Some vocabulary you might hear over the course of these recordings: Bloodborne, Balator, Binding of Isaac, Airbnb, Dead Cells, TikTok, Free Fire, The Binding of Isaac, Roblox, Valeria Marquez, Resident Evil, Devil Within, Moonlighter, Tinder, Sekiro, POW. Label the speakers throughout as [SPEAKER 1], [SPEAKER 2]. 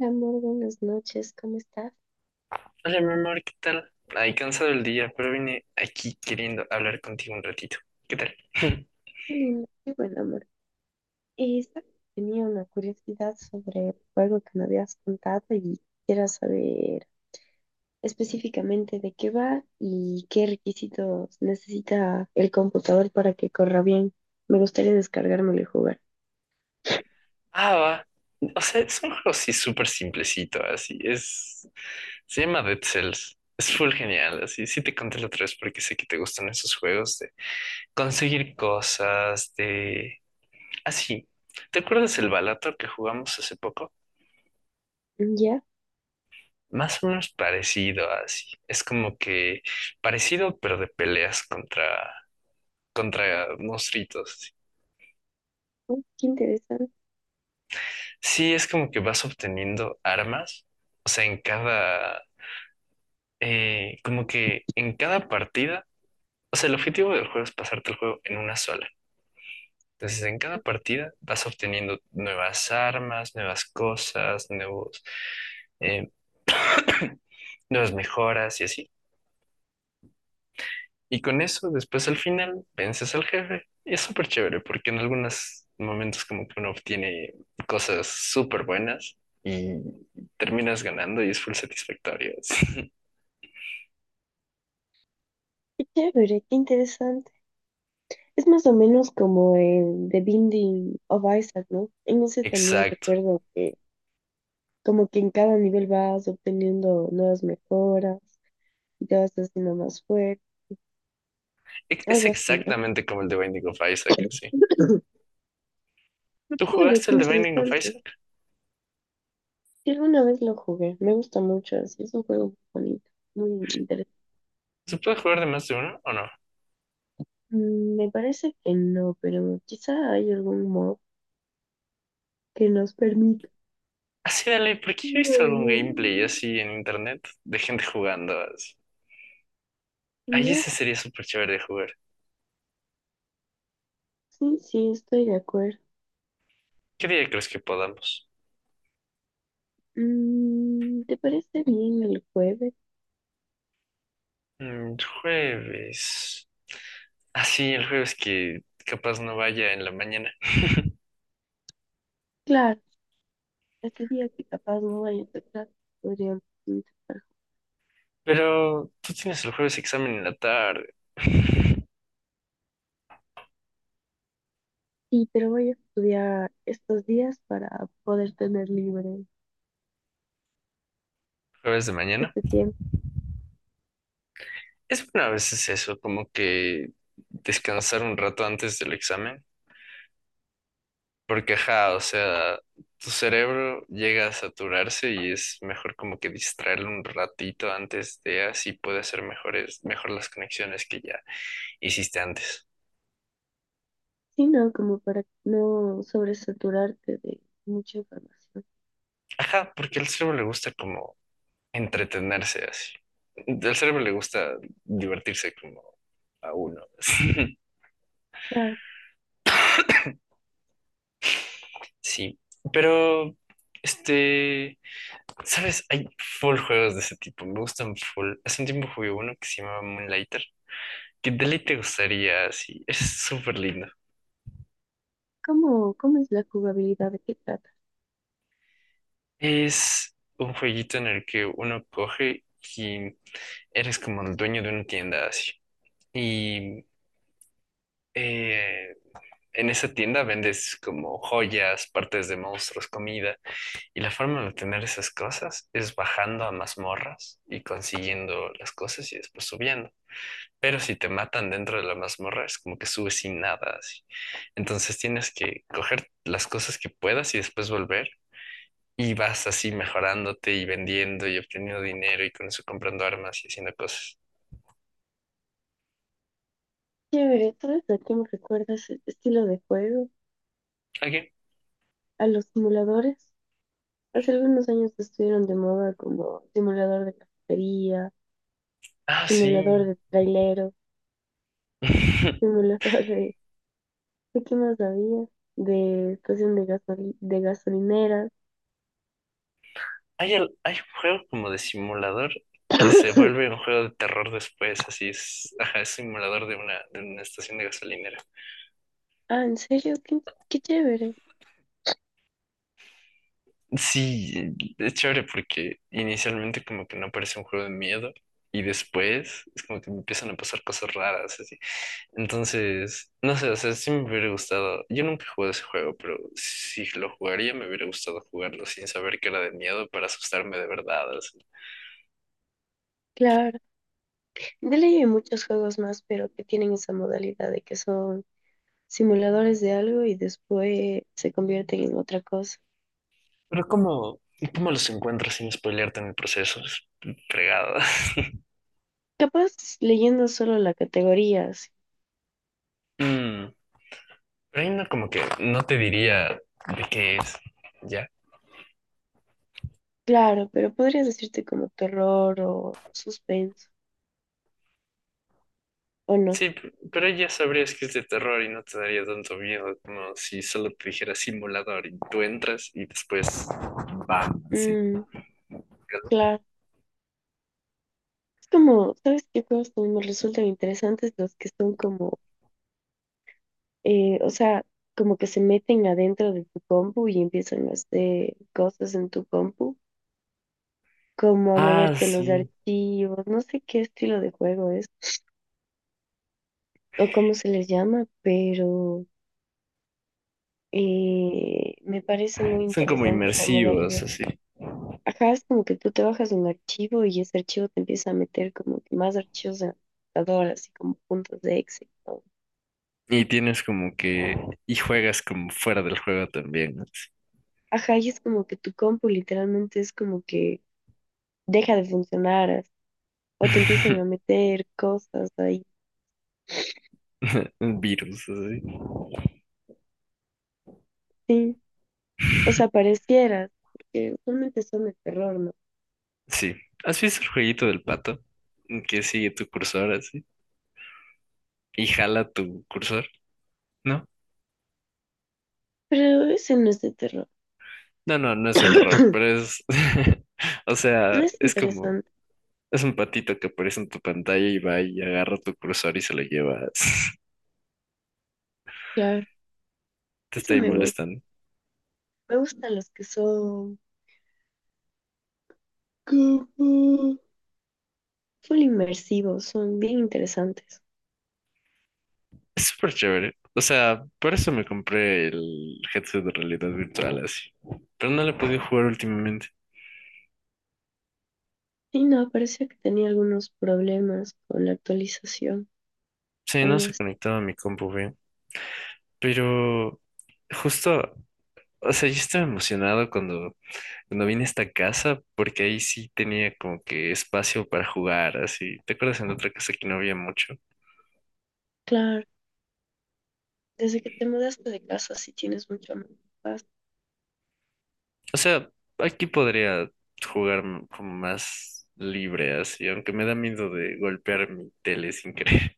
[SPEAKER 1] Amor, buenas noches, ¿cómo estás?
[SPEAKER 2] Hola, mi amor, ¿qué tal? Ay, cansado el día, pero vine aquí queriendo hablar contigo un ratito. ¿Qué tal?
[SPEAKER 1] Qué lindo, qué buen amor. Sabes, tenía una curiosidad sobre el juego que me habías contado y quisiera saber específicamente de qué va y qué requisitos necesita el computador para que corra bien. Me gustaría descargármelo y jugar.
[SPEAKER 2] Ah, va. O sea, es un juego así súper simplecito, así. Se llama Dead Cells. Es full genial, así. Sí te conté la otra vez porque sé que te gustan esos juegos de conseguir cosas, de Así, ¿te acuerdas el Balator que jugamos hace poco?
[SPEAKER 1] Mm, ya,
[SPEAKER 2] Más o menos parecido así. Es como que parecido, pero de peleas contra monstruitos. Así.
[SPEAKER 1] oh, qué interesante,
[SPEAKER 2] Sí, es como que vas obteniendo armas. O sea, como que en cada partida, o sea, el objetivo del juego es pasarte el juego en una sola. Entonces, en cada partida vas obteniendo nuevas armas, nuevas cosas, eh, nuevas mejoras y así. Y con eso, después al final, vences al jefe. Y es súper chévere porque en algunos momentos como que uno obtiene cosas súper buenas y terminas ganando y es full satisfactorio. Sí.
[SPEAKER 1] qué chévere, qué interesante. Es más o menos como el The Binding of Isaac, ¿no? En ese también
[SPEAKER 2] Exacto.
[SPEAKER 1] recuerdo que como que en cada nivel vas obteniendo nuevas mejoras y te vas haciendo más fuerte,
[SPEAKER 2] Es
[SPEAKER 1] algo así, ¿no?
[SPEAKER 2] exactamente como el de Binding of Isaac, sí.
[SPEAKER 1] Qué
[SPEAKER 2] ¿Tú
[SPEAKER 1] chévere,
[SPEAKER 2] jugaste
[SPEAKER 1] qué
[SPEAKER 2] el de Binding of
[SPEAKER 1] interesante.
[SPEAKER 2] Isaac?
[SPEAKER 1] Sí, alguna vez lo jugué, me gusta mucho, así es un juego muy bonito, muy interesante.
[SPEAKER 2] ¿Se puede jugar de más de uno o no?
[SPEAKER 1] Mm, me parece que no, pero quizá hay algún mod que nos permita.
[SPEAKER 2] Así dale, porque yo he visto algún gameplay
[SPEAKER 1] Mm,
[SPEAKER 2] así en internet de gente jugando así. Ahí
[SPEAKER 1] ya,
[SPEAKER 2] ese sería súper chévere de jugar.
[SPEAKER 1] sí, sí, estoy de acuerdo.
[SPEAKER 2] ¿Qué día crees que podamos?
[SPEAKER 1] Mm, ¿te parece bien el jueves?
[SPEAKER 2] Jueves. Así, el jueves que capaz no vaya en la mañana.
[SPEAKER 1] Claro, ese día que capaz no vaya a tocar, podríamos intentar.
[SPEAKER 2] Pero tú tienes el jueves examen en la tarde.
[SPEAKER 1] Sí, pero voy a estudiar estos días para poder tener libre
[SPEAKER 2] Jueves de mañana.
[SPEAKER 1] este tiempo.
[SPEAKER 2] Es bueno a veces eso, como que descansar un rato antes del examen. Porque, ajá, o sea, tu cerebro llega a saturarse y es mejor como que distraerlo un ratito antes de así puede hacer mejor las conexiones que ya hiciste antes.
[SPEAKER 1] Sí, no, como para no sobresaturarte de mucha información.
[SPEAKER 2] Ajá, porque al cerebro le gusta como entretenerse así. Al cerebro le gusta divertirse como a uno.
[SPEAKER 1] Ah,
[SPEAKER 2] Sí, pero, este, ¿sabes? Hay full juegos de ese tipo, me gustan full. Hace un tiempo jugué uno que se llamaba Moonlighter. ¿Qué deli te gustaría? Sí, es súper lindo.
[SPEAKER 1] ¿cómo, cómo es la jugabilidad? ¿De qué trata?
[SPEAKER 2] Es un jueguito en el que uno coge y eres como el dueño de una tienda así. Y eh, en esa tienda vendes como joyas, partes de monstruos, comida. Y la forma de obtener esas cosas es bajando a mazmorras y consiguiendo las cosas y después subiendo. Pero si te matan dentro de la mazmorra, es como que subes sin nada así. Entonces tienes que coger las cosas que puedas y después volver y vas así mejorándote y vendiendo y obteniendo dinero y con eso comprando armas y haciendo cosas.
[SPEAKER 1] Chévere, ¿tú eres la que me recuerdas este estilo de juego?
[SPEAKER 2] ¿Ok?
[SPEAKER 1] ¿A los simuladores? Hace algunos años estuvieron de moda como simulador de cafetería,
[SPEAKER 2] Ah,
[SPEAKER 1] simulador
[SPEAKER 2] sí.
[SPEAKER 1] de trailero, simulador de... ¿De qué más había? De estación de gasoli- de gasolineras.
[SPEAKER 2] Hay un juego como de simulador que se vuelve un juego de terror después, así es, ajá, es simulador de una estación de gasolinera.
[SPEAKER 1] Ah, ¿en serio? Qué, qué chévere.
[SPEAKER 2] Sí, es chévere porque inicialmente como que no parece un juego de miedo y después es como que me empiezan a pasar cosas raras así. Entonces, no sé, o sea, sí me hubiera gustado. Yo nunca he jugado ese juego, pero si lo jugaría me hubiera gustado jugarlo sin saber que era de miedo para asustarme de verdad. Así.
[SPEAKER 1] Claro. De ley hay muchos juegos más, pero que tienen esa modalidad de que son simuladores de algo y después se convierten en otra cosa.
[SPEAKER 2] Pero ¿cómo, cómo los encuentras sin spoilearte en el proceso? Es fregado.
[SPEAKER 1] Capaz leyendo solo la categoría, sí.
[SPEAKER 2] Mm, pero ahí no como que no te diría de qué es. Ya.
[SPEAKER 1] Claro, pero podría decirte como terror o suspenso, ¿o no?
[SPEAKER 2] Sí, pero ya sabrías que es de terror y no te daría tanto miedo como si solo te dijera simulador y tú entras y después van así.
[SPEAKER 1] Mm, claro. Es como, ¿sabes qué juegos también me resultan interesantes? Los que son como, o sea, como que se meten adentro de tu compu y empiezan a hacer cosas en tu compu, como a
[SPEAKER 2] Ah,
[SPEAKER 1] moverte los
[SPEAKER 2] sí.
[SPEAKER 1] archivos, no sé qué estilo de juego es o cómo se les llama, pero me parece muy
[SPEAKER 2] Son como
[SPEAKER 1] interesante esa modalidad.
[SPEAKER 2] inmersivos, así.
[SPEAKER 1] Ajá, es como que tú te bajas un archivo y ese archivo te empieza a meter como que más archivos de computadora, así como puntos de Excel, ¿no?
[SPEAKER 2] Y tienes como que... Y juegas como fuera del juego también. Así.
[SPEAKER 1] Ajá, y es como que tu compu literalmente es como que deja de funcionar as- o te empiezan a meter cosas ahí.
[SPEAKER 2] Un virus, así.
[SPEAKER 1] Sí, o sea, parecieras, porque usualmente son de terror, ¿no?
[SPEAKER 2] Sí. ¿Has visto el jueguito del pato? Que sigue tu cursor así. Y jala tu cursor, no.
[SPEAKER 1] Pero ese no es de terror.
[SPEAKER 2] No, no, no es de terror, pero es, o
[SPEAKER 1] No
[SPEAKER 2] sea,
[SPEAKER 1] es
[SPEAKER 2] es como,
[SPEAKER 1] interesante,
[SPEAKER 2] es un patito que aparece en tu pantalla y va y agarra tu cursor y se lo lleva.
[SPEAKER 1] claro.
[SPEAKER 2] Te
[SPEAKER 1] Ese
[SPEAKER 2] está ahí
[SPEAKER 1] me gusta.
[SPEAKER 2] molestando.
[SPEAKER 1] Me gustan los que son como full inmersivos, son bien interesantes.
[SPEAKER 2] Es súper chévere. O sea, por eso me compré el headset de realidad virtual así. Pero no lo he podido jugar últimamente.
[SPEAKER 1] Y no, parecía que tenía algunos problemas con la actualización,
[SPEAKER 2] Sí, no
[SPEAKER 1] algo
[SPEAKER 2] se
[SPEAKER 1] así.
[SPEAKER 2] conectaba a mi compu bien. Pero justo, o sea, yo estaba emocionado cuando vine a esta casa porque ahí sí tenía como que espacio para jugar así. ¿Te acuerdas en otra casa que no había mucho?
[SPEAKER 1] Claro, desde que te mudaste de casa sí tienes mucho más paz.
[SPEAKER 2] O sea, aquí podría jugar como más libre así, aunque me da miedo de golpear mi tele sin querer.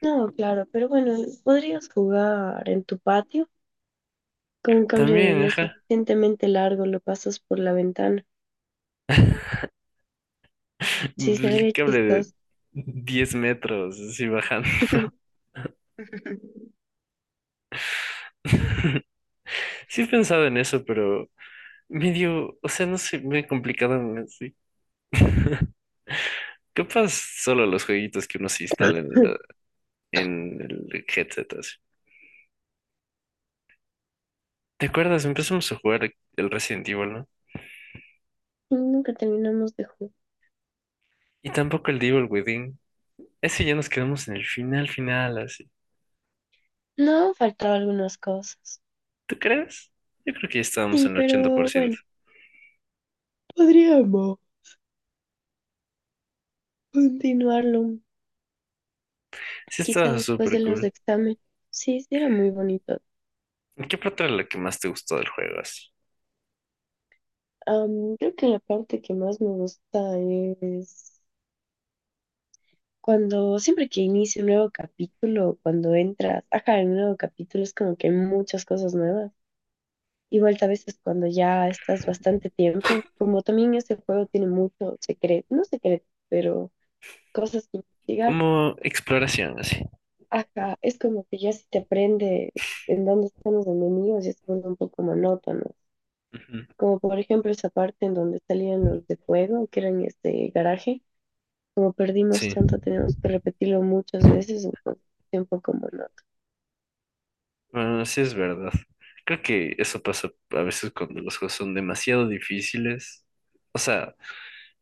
[SPEAKER 1] No, claro, pero bueno, podrías jugar en tu patio con un cable
[SPEAKER 2] También,
[SPEAKER 1] lo
[SPEAKER 2] ajá,
[SPEAKER 1] suficientemente largo, lo pasas por la ventana. Sí, se vería
[SPEAKER 2] el cable de
[SPEAKER 1] chistoso.
[SPEAKER 2] 10 metros así bajando. Sí he pensado en eso, pero medio, o sea, no sé, me complicaban así. Capaz solo los jueguitos que uno se instala en, en el headset así. ¿Te acuerdas? Empezamos a jugar el Resident Evil, ¿no?
[SPEAKER 1] Nunca terminamos de jugar.
[SPEAKER 2] Y tampoco el Devil Within. Ese ya nos quedamos en el final, final, así.
[SPEAKER 1] No, faltaba algunas cosas.
[SPEAKER 2] ¿Tú crees? Yo creo que ya estábamos
[SPEAKER 1] Sí,
[SPEAKER 2] en el ochenta por
[SPEAKER 1] pero bueno,
[SPEAKER 2] ciento.
[SPEAKER 1] podríamos continuarlo
[SPEAKER 2] Sí,
[SPEAKER 1] quizá
[SPEAKER 2] estaba
[SPEAKER 1] después de
[SPEAKER 2] súper
[SPEAKER 1] los
[SPEAKER 2] cool.
[SPEAKER 1] exámenes. Sí, sí, era muy bonito.
[SPEAKER 2] ¿Qué parte era la que más te gustó del juego, así?
[SPEAKER 1] Creo que la parte que más me gusta es cuando, siempre que inicia un nuevo capítulo, cuando entras, ajá, en un nuevo capítulo es como que hay muchas cosas nuevas. Igual a veces cuando ya estás bastante tiempo, como también este juego tiene mucho secreto, no secreto, pero cosas que investigar.
[SPEAKER 2] Como exploración, así.
[SPEAKER 1] Ajá, es como que ya si te aprendes en dónde están los enemigos, ya se vuelve un poco monótono.
[SPEAKER 2] Ujú.
[SPEAKER 1] Como por ejemplo esa parte en donde salían los de fuego, que eran este garaje. Como perdimos
[SPEAKER 2] Sí,
[SPEAKER 1] tanto, tenemos que repetirlo muchas veces, entonces es un poco monótono.
[SPEAKER 2] bueno, sí es verdad. Creo que eso pasa a veces cuando los juegos son demasiado difíciles. O sea,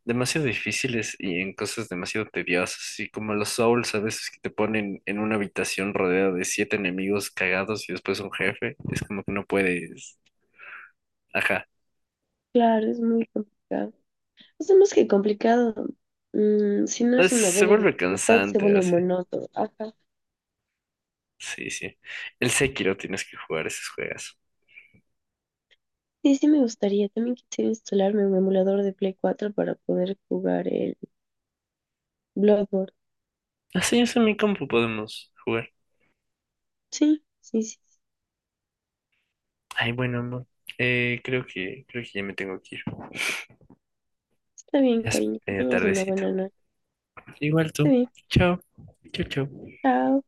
[SPEAKER 2] demasiado difíciles y en cosas demasiado tediosas, así como los Souls a veces que te ponen en una habitación rodeada de siete enemigos cagados y después un jefe. Es como que no puedes. Ajá.
[SPEAKER 1] Claro, es muy complicado. O sea, más que complicado, si no es una
[SPEAKER 2] Se
[SPEAKER 1] buena
[SPEAKER 2] vuelve
[SPEAKER 1] dificultad, se
[SPEAKER 2] cansante
[SPEAKER 1] vuelve
[SPEAKER 2] así.
[SPEAKER 1] monótono. Ajá.
[SPEAKER 2] Sí, sí. El Sekiro tienes que jugar esos juegos.
[SPEAKER 1] Sí, sí me gustaría. También quisiera instalarme un emulador de Play 4 para poder jugar el Bloodborne.
[SPEAKER 2] Así es, en mi compu podemos jugar.
[SPEAKER 1] Sí, sí, sí, sí.
[SPEAKER 2] Ay, bueno, amor. Creo que ya me tengo que ir.
[SPEAKER 1] Está bien,
[SPEAKER 2] Ya es
[SPEAKER 1] cariño. Que tengas una
[SPEAKER 2] tardecito.
[SPEAKER 1] buena noche.
[SPEAKER 2] Igual
[SPEAKER 1] Está
[SPEAKER 2] tú.
[SPEAKER 1] bien.
[SPEAKER 2] Chao. Chao, chao.
[SPEAKER 1] Chao.